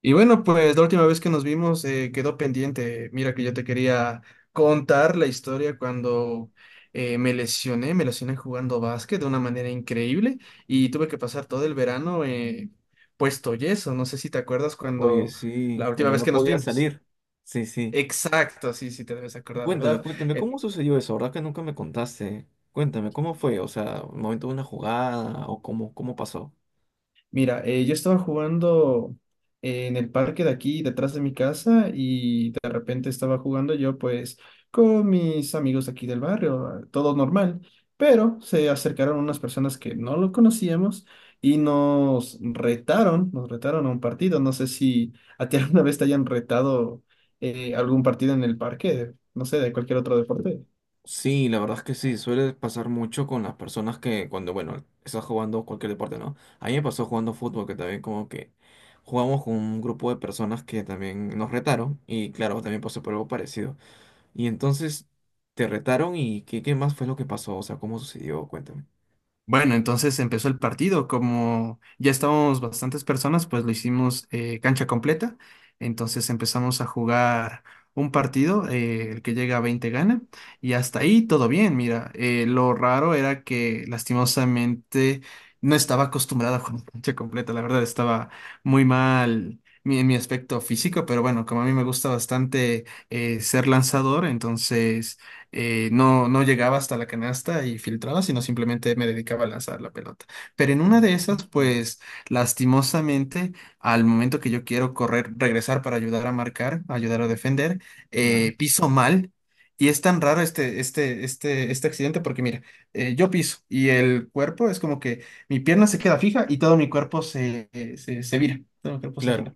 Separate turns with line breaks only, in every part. Y bueno, pues la última vez que nos vimos quedó pendiente. Mira que yo te quería contar la historia cuando me lesioné jugando básquet de una manera increíble y tuve que pasar todo el verano puesto yeso. No sé si te acuerdas
Oye,
cuando
sí,
la última
cuando
vez
no
que nos
podía
vimos.
salir. Sí, sí.
Exacto, sí, sí te debes acordar,
Cuéntame,
¿verdad?
cuéntame,
Eh,
¿cómo sucedió eso? ¿Verdad que nunca me contaste? Cuéntame, ¿cómo fue? O sea, ¿el momento de una jugada o cómo pasó?
Mira, yo estaba jugando en el parque de aquí, detrás de mi casa, y de repente estaba jugando yo, pues, con mis amigos de aquí del barrio, todo normal, pero se acercaron unas personas que no lo conocíamos y nos retaron a un partido. No sé si a ti alguna vez te hayan retado algún partido en el parque, no sé, de cualquier otro deporte.
Sí, la verdad es que sí, suele pasar mucho con las personas que cuando, bueno, estás jugando cualquier deporte, ¿no? A mí me pasó jugando fútbol, que también como que jugamos con un grupo de personas que también nos retaron y claro, también pasó por algo parecido. Y entonces, ¿te retaron y qué más fue lo que pasó? O sea, ¿cómo sucedió? Cuéntame.
Bueno, entonces empezó el partido. Como ya estábamos bastantes personas, pues lo hicimos cancha completa. Entonces empezamos a jugar un partido, el que llega a 20 gana. Y hasta ahí todo bien, mira. Lo raro era que lastimosamente no estaba acostumbrada a jugar cancha completa. La verdad estaba muy mal. En mi aspecto físico, pero bueno, como a mí me gusta bastante ser lanzador, entonces no llegaba hasta la canasta y filtraba, sino simplemente me dedicaba a lanzar la pelota. Pero en una de esas,
Mm,
pues lastimosamente, al momento que yo quiero correr, regresar para ayudar a marcar, ayudar a defender,
ya.
piso mal. Y es tan raro este accidente porque mira, yo piso y el cuerpo es como que mi pierna se queda fija y todo mi cuerpo se vira, todo mi cuerpo se
Claro,
gira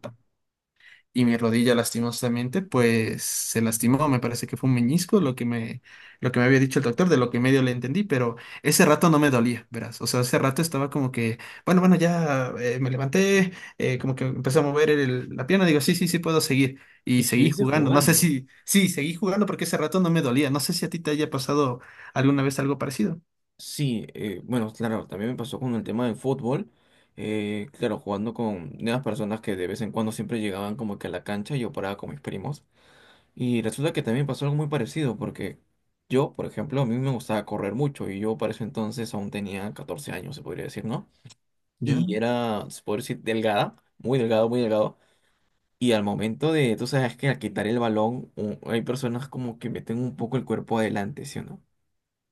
y mi rodilla lastimosamente pues se lastimó, me parece que fue un meñisco lo que me había dicho el doctor, de lo que medio le entendí, pero ese rato no me dolía, verás, o sea, ese rato estaba como que, bueno, ya me levanté, como que empecé a mover la pierna, digo, sí, puedo seguir,
y
y seguí
seguirse
jugando, no sé
jugando.
si, sí, seguí jugando porque ese rato no me dolía, ¿no sé si a ti te haya pasado alguna vez algo parecido?
Sí, bueno, claro, también me pasó con el tema del fútbol. Claro, jugando con nuevas personas que de vez en cuando siempre llegaban como que a la cancha y yo paraba con mis primos. Y resulta que también pasó algo muy parecido, porque yo, por ejemplo, a mí me gustaba correr mucho y yo para ese entonces aún tenía 14 años, se podría decir, ¿no?
¿Ya?
Y era, se podría decir, delgada, muy delgado, muy delgado. Y al momento de, tú sabes que al quitar el balón, hay personas como que meten un poco el cuerpo adelante, ¿sí o no?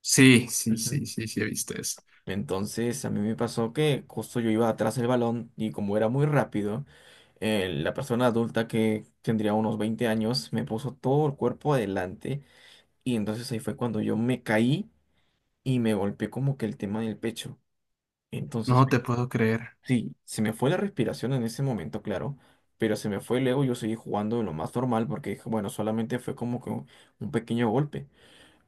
Sí, sí,
Ujú.
sí, sí, sí, he visto eso.
Entonces a mí me pasó que justo yo iba atrás del balón y como era muy rápido, la persona adulta que tendría unos 20 años me puso todo el cuerpo adelante y entonces ahí fue cuando yo me caí y me golpeé como que el tema del pecho. Entonces,
No te puedo creer,
sí, se me fue la respiración en ese momento, claro, pero se me fue luego yo seguí jugando de lo más normal porque dije, bueno, solamente fue como que un pequeño golpe.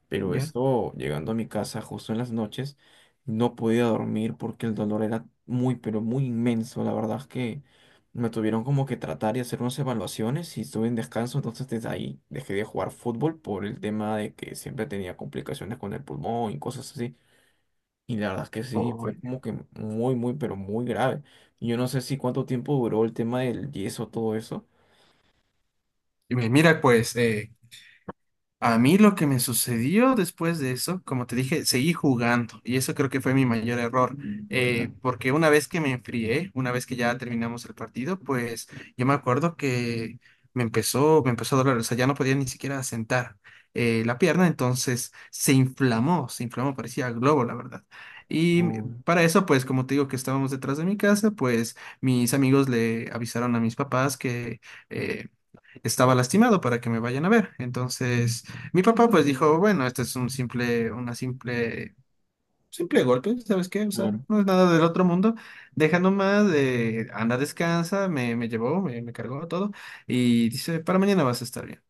Pero
¿ya?
esto, llegando a mi casa justo en las noches, no podía dormir porque el dolor era muy, pero muy inmenso. La verdad es que me tuvieron como que tratar y hacer unas evaluaciones y estuve en descanso. Entonces desde ahí dejé de jugar fútbol por el tema de que siempre tenía complicaciones con el pulmón y cosas así. Y la verdad es que sí, fue
Oye,
como que muy, muy, pero muy grave. Y yo no sé si cuánto tiempo duró el tema del yeso, todo eso.
y mira, pues, a mí lo que me sucedió después de eso, como te dije, seguí jugando y eso creo que fue mi mayor error,
Claro.
porque una vez que me enfrié, una vez que ya terminamos el partido, pues yo me acuerdo que me empezó a doler, o sea, ya no podía ni siquiera sentar la pierna, entonces se inflamó, parecía globo, la verdad. Y
Uy,
para eso, pues como te digo que estábamos detrás de mi casa, pues mis amigos le avisaron a mis papás que... eh, estaba lastimado para que me vayan a ver. Entonces, mi papá pues dijo, bueno, este es un simple golpe, ¿sabes qué? O sea,
claro.
no es nada del otro mundo. Deja nomás, anda, descansa, me llevó, me cargó todo y dice, para mañana vas a estar bien.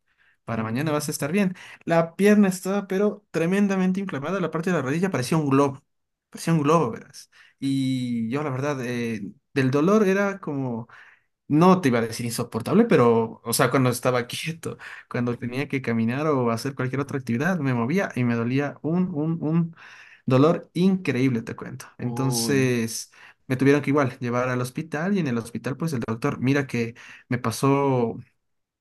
Para mañana
Mm,
vas a estar bien. La pierna estaba, pero tremendamente inflamada. La parte de la rodilla parecía un globo. Parecía un globo, verás. Y yo, la verdad, del dolor era como... No te iba a decir insoportable, pero, o sea, cuando estaba quieto, cuando tenía que caminar o hacer cualquier otra actividad, me movía y me dolía un dolor increíble, te cuento.
uy.
Entonces, me tuvieron que igual llevar al hospital y en el hospital, pues el doctor, mira que me pasó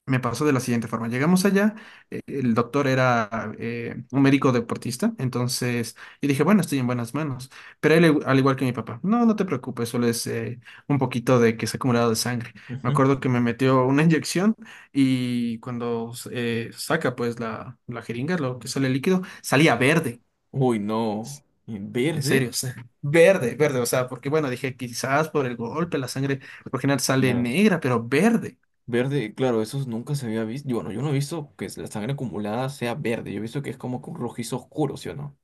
me pasó de la siguiente forma. Llegamos allá, el doctor era un médico deportista, entonces yo dije, bueno, estoy en buenas manos. Pero él, al igual que mi papá, no, no te preocupes, solo es un poquito de que se ha acumulado de sangre. Me acuerdo que me metió una inyección y cuando saca pues la jeringa, lo que sale el líquido, salía verde.
Uy, no. ¿En
En
¿Verde?
serio, o sea, verde, verde, o sea, porque bueno, dije quizás por el golpe la sangre por lo general sale
Claro.
negra, pero verde.
Verde, claro, eso nunca se había visto. Bueno, yo no he visto que la sangre acumulada sea verde. Yo he visto que es como que un rojizo oscuro, ¿sí o no?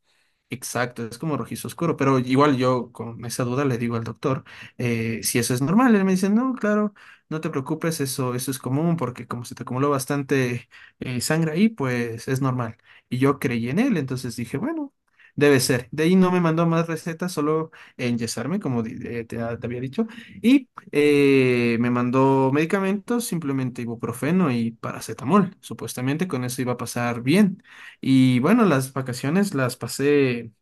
Exacto, es como rojizo oscuro, pero igual yo con esa duda le digo al doctor si eso es normal. Él me dice, no, claro, no te preocupes, eso es común porque como se te acumuló bastante sangre ahí, pues es normal. Y yo creí en él, entonces dije, bueno, debe ser. De ahí no me mandó más recetas, solo enyesarme, como te había dicho, y me mandó medicamentos, simplemente ibuprofeno y paracetamol. Supuestamente con eso iba a pasar bien. Y bueno, las vacaciones las pasé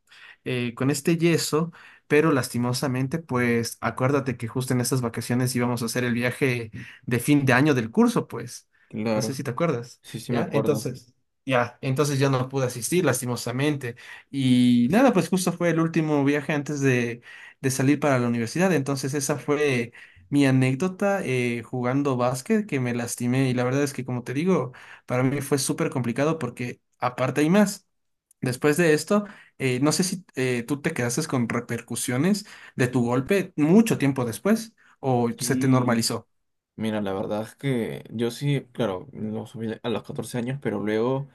con este yeso, pero lastimosamente, pues acuérdate que justo en estas vacaciones íbamos a hacer el viaje de fin de año del curso, pues. No sé
Claro.
si te acuerdas,
Sí, sí, me
¿ya?
acuerdo.
Entonces, ya, entonces yo no pude asistir, lastimosamente. Y nada, pues justo fue el último viaje antes de salir para la universidad, entonces esa fue... mi anécdota jugando básquet que me lastimé y la verdad es que como te digo, para mí fue súper complicado porque aparte hay más. Después de esto, no sé si tú te quedaste con repercusiones de tu golpe mucho tiempo después o se te
Sí.
normalizó.
Mira, la verdad es que yo sí, claro, lo subí a los 14 años, pero luego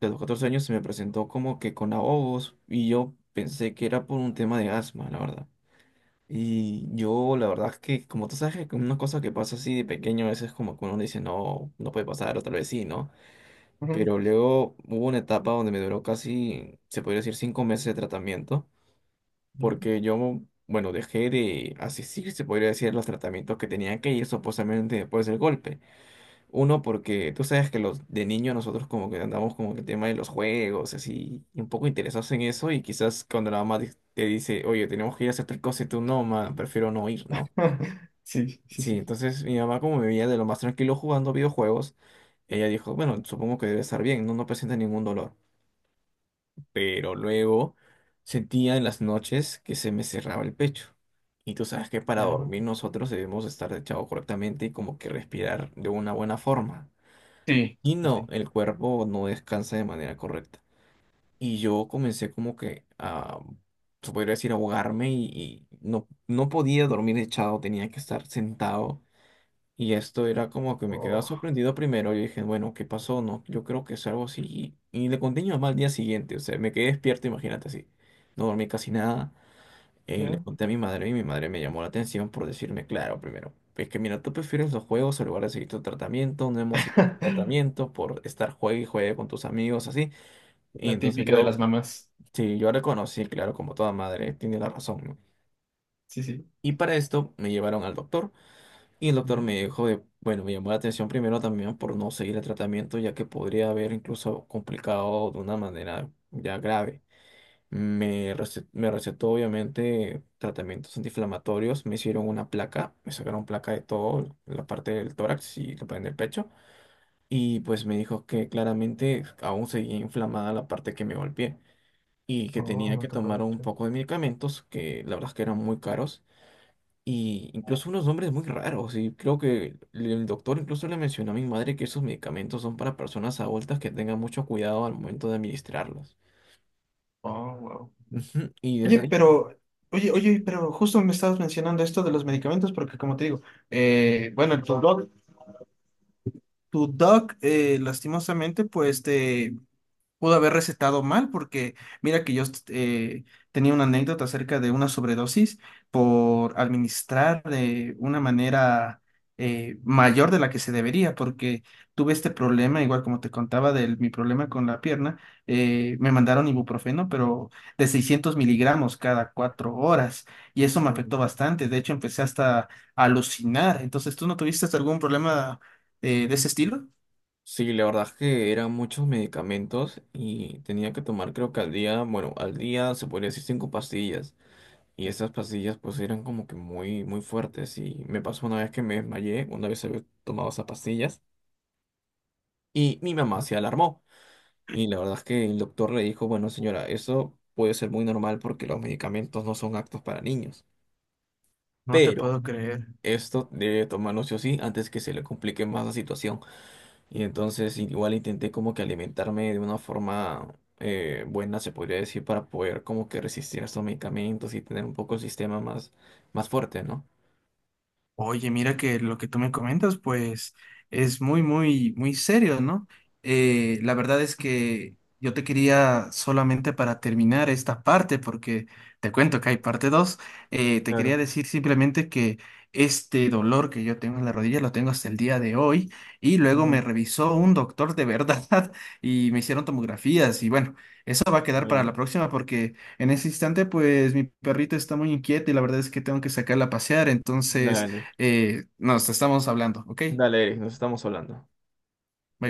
de los 14 años se me presentó como que con ahogos y yo pensé que era por un tema de asma, la verdad. Y yo, la verdad es que, como tú sabes, que una cosa que pasa así de pequeño, a veces como que uno dice, no, no puede pasar, otra vez sí, ¿no?
Ujú,
Pero luego hubo una etapa donde me duró casi, se podría decir, 5 meses de tratamiento,
ya.
porque yo, bueno, dejé de asistir, se podría decir, a los tratamientos que tenía que ir supuestamente después del golpe. Uno, porque tú sabes que los de niño nosotros como que andamos como que el tema de los juegos, así, y un poco interesados en eso, y quizás cuando la mamá te dice, oye, tenemos que ir a hacer tal cosa, y tú no, ma, prefiero no ir, ¿no?
Sí, sí,
Sí,
sí.
entonces mi mamá como me veía de lo más tranquilo jugando videojuegos, ella dijo, bueno, supongo que debe estar bien, no, no presenta ningún dolor. Pero luego sentía en las noches que se me cerraba el pecho. Y tú sabes que para
Ya.
dormir nosotros debemos estar echados correctamente y como que respirar de una buena forma.
Sí,
Y
sí,
no,
sí.
el cuerpo no descansa de manera correcta. Y yo comencé como que a, se podría decir, ahogarme y no podía dormir echado, tenía que estar sentado y esto era como que me quedaba
Oh,
sorprendido primero. Yo dije, bueno, ¿qué pasó? No, yo creo que es algo así. Y le conté a mi mamá al día siguiente. O sea, me quedé despierto, imagínate así. No dormí casi nada. Le
ya.
conté a mi madre y mi madre me llamó la atención por decirme, claro, primero, es que mira, tú prefieres los juegos en lugar de seguir tu tratamiento. No hemos seguido tu tratamiento por estar juegue y juegue con tus amigos, así. Y
La
entonces
típica de
yo,
las mamás.
sí, yo reconocí, claro, como toda madre, tiene la razón, ¿no?
Sí, sí.
Y para esto me llevaron al doctor. Y el doctor
Ya.
me dijo de, bueno, me llamó la atención primero también por no seguir el tratamiento, ya que podría haber incluso complicado de una manera ya grave. Me recetó obviamente tratamientos antiinflamatorios, me hicieron una placa, me sacaron placa de todo, la parte del tórax y la parte del pecho, y pues me dijo que claramente aún seguía inflamada la parte que me golpeé y que
Oh,
tenía
no
que
te
tomar
puedo
un
creer.
poco de medicamentos que la verdad es que eran muy caros y incluso unos nombres muy raros. Y creo que el doctor incluso le mencionó a mi madre que esos medicamentos son para personas adultas que tengan mucho cuidado al momento de administrarlos.
Oh, wow.
Ujú. Y
Oye,
desde ahí,
pero, oye,
sí.
oye, pero justo me estabas mencionando esto de los medicamentos, porque como te digo, bueno, tu doc lastimosamente, pues te pudo haber recetado mal porque mira que yo tenía una anécdota acerca de una sobredosis por administrar de una manera mayor de la que se debería porque tuve este problema, igual como te contaba de mi problema con la pierna, me mandaron ibuprofeno pero de 600 mg cada 4 horas y eso me
Mm.
afectó bastante, de hecho empecé hasta a alucinar, entonces ¿tú no tuviste hasta algún problema de ese estilo?
Sí, la verdad es que eran muchos medicamentos y tenía que tomar creo que al día, bueno, al día se podría decir 5 pastillas. Y esas pastillas pues eran como que muy, muy fuertes. Y me pasó una vez que me desmayé, una vez había tomado esas pastillas. Y mi mamá se alarmó. Y la verdad es que el doctor le dijo, bueno, señora, eso puede ser muy normal porque los medicamentos no son aptos para niños,
No te
pero
puedo creer.
esto debe tomarlo sí o sí antes que se le complique más la situación. Y entonces igual intenté como que alimentarme de una forma buena, se podría decir, para poder como que resistir a estos medicamentos y tener un poco el sistema más, más fuerte, ¿no?
Oye, mira que lo que tú me comentas, pues es muy, muy, muy serio, ¿no? La verdad es que yo te quería solamente para terminar esta parte, porque te cuento que hay parte 2, te quería
Claro,
decir simplemente que este dolor que yo tengo en la rodilla lo tengo hasta el día de hoy y luego me
Mm,
revisó un doctor de verdad y me hicieron tomografías y bueno, eso va a quedar para la
claro.
próxima porque en ese instante pues mi perrito está muy inquieto y la verdad es que tengo que sacarla a pasear, entonces...
Dale,
Nos estamos hablando, ¿ok?
dale, Eric, nos estamos hablando.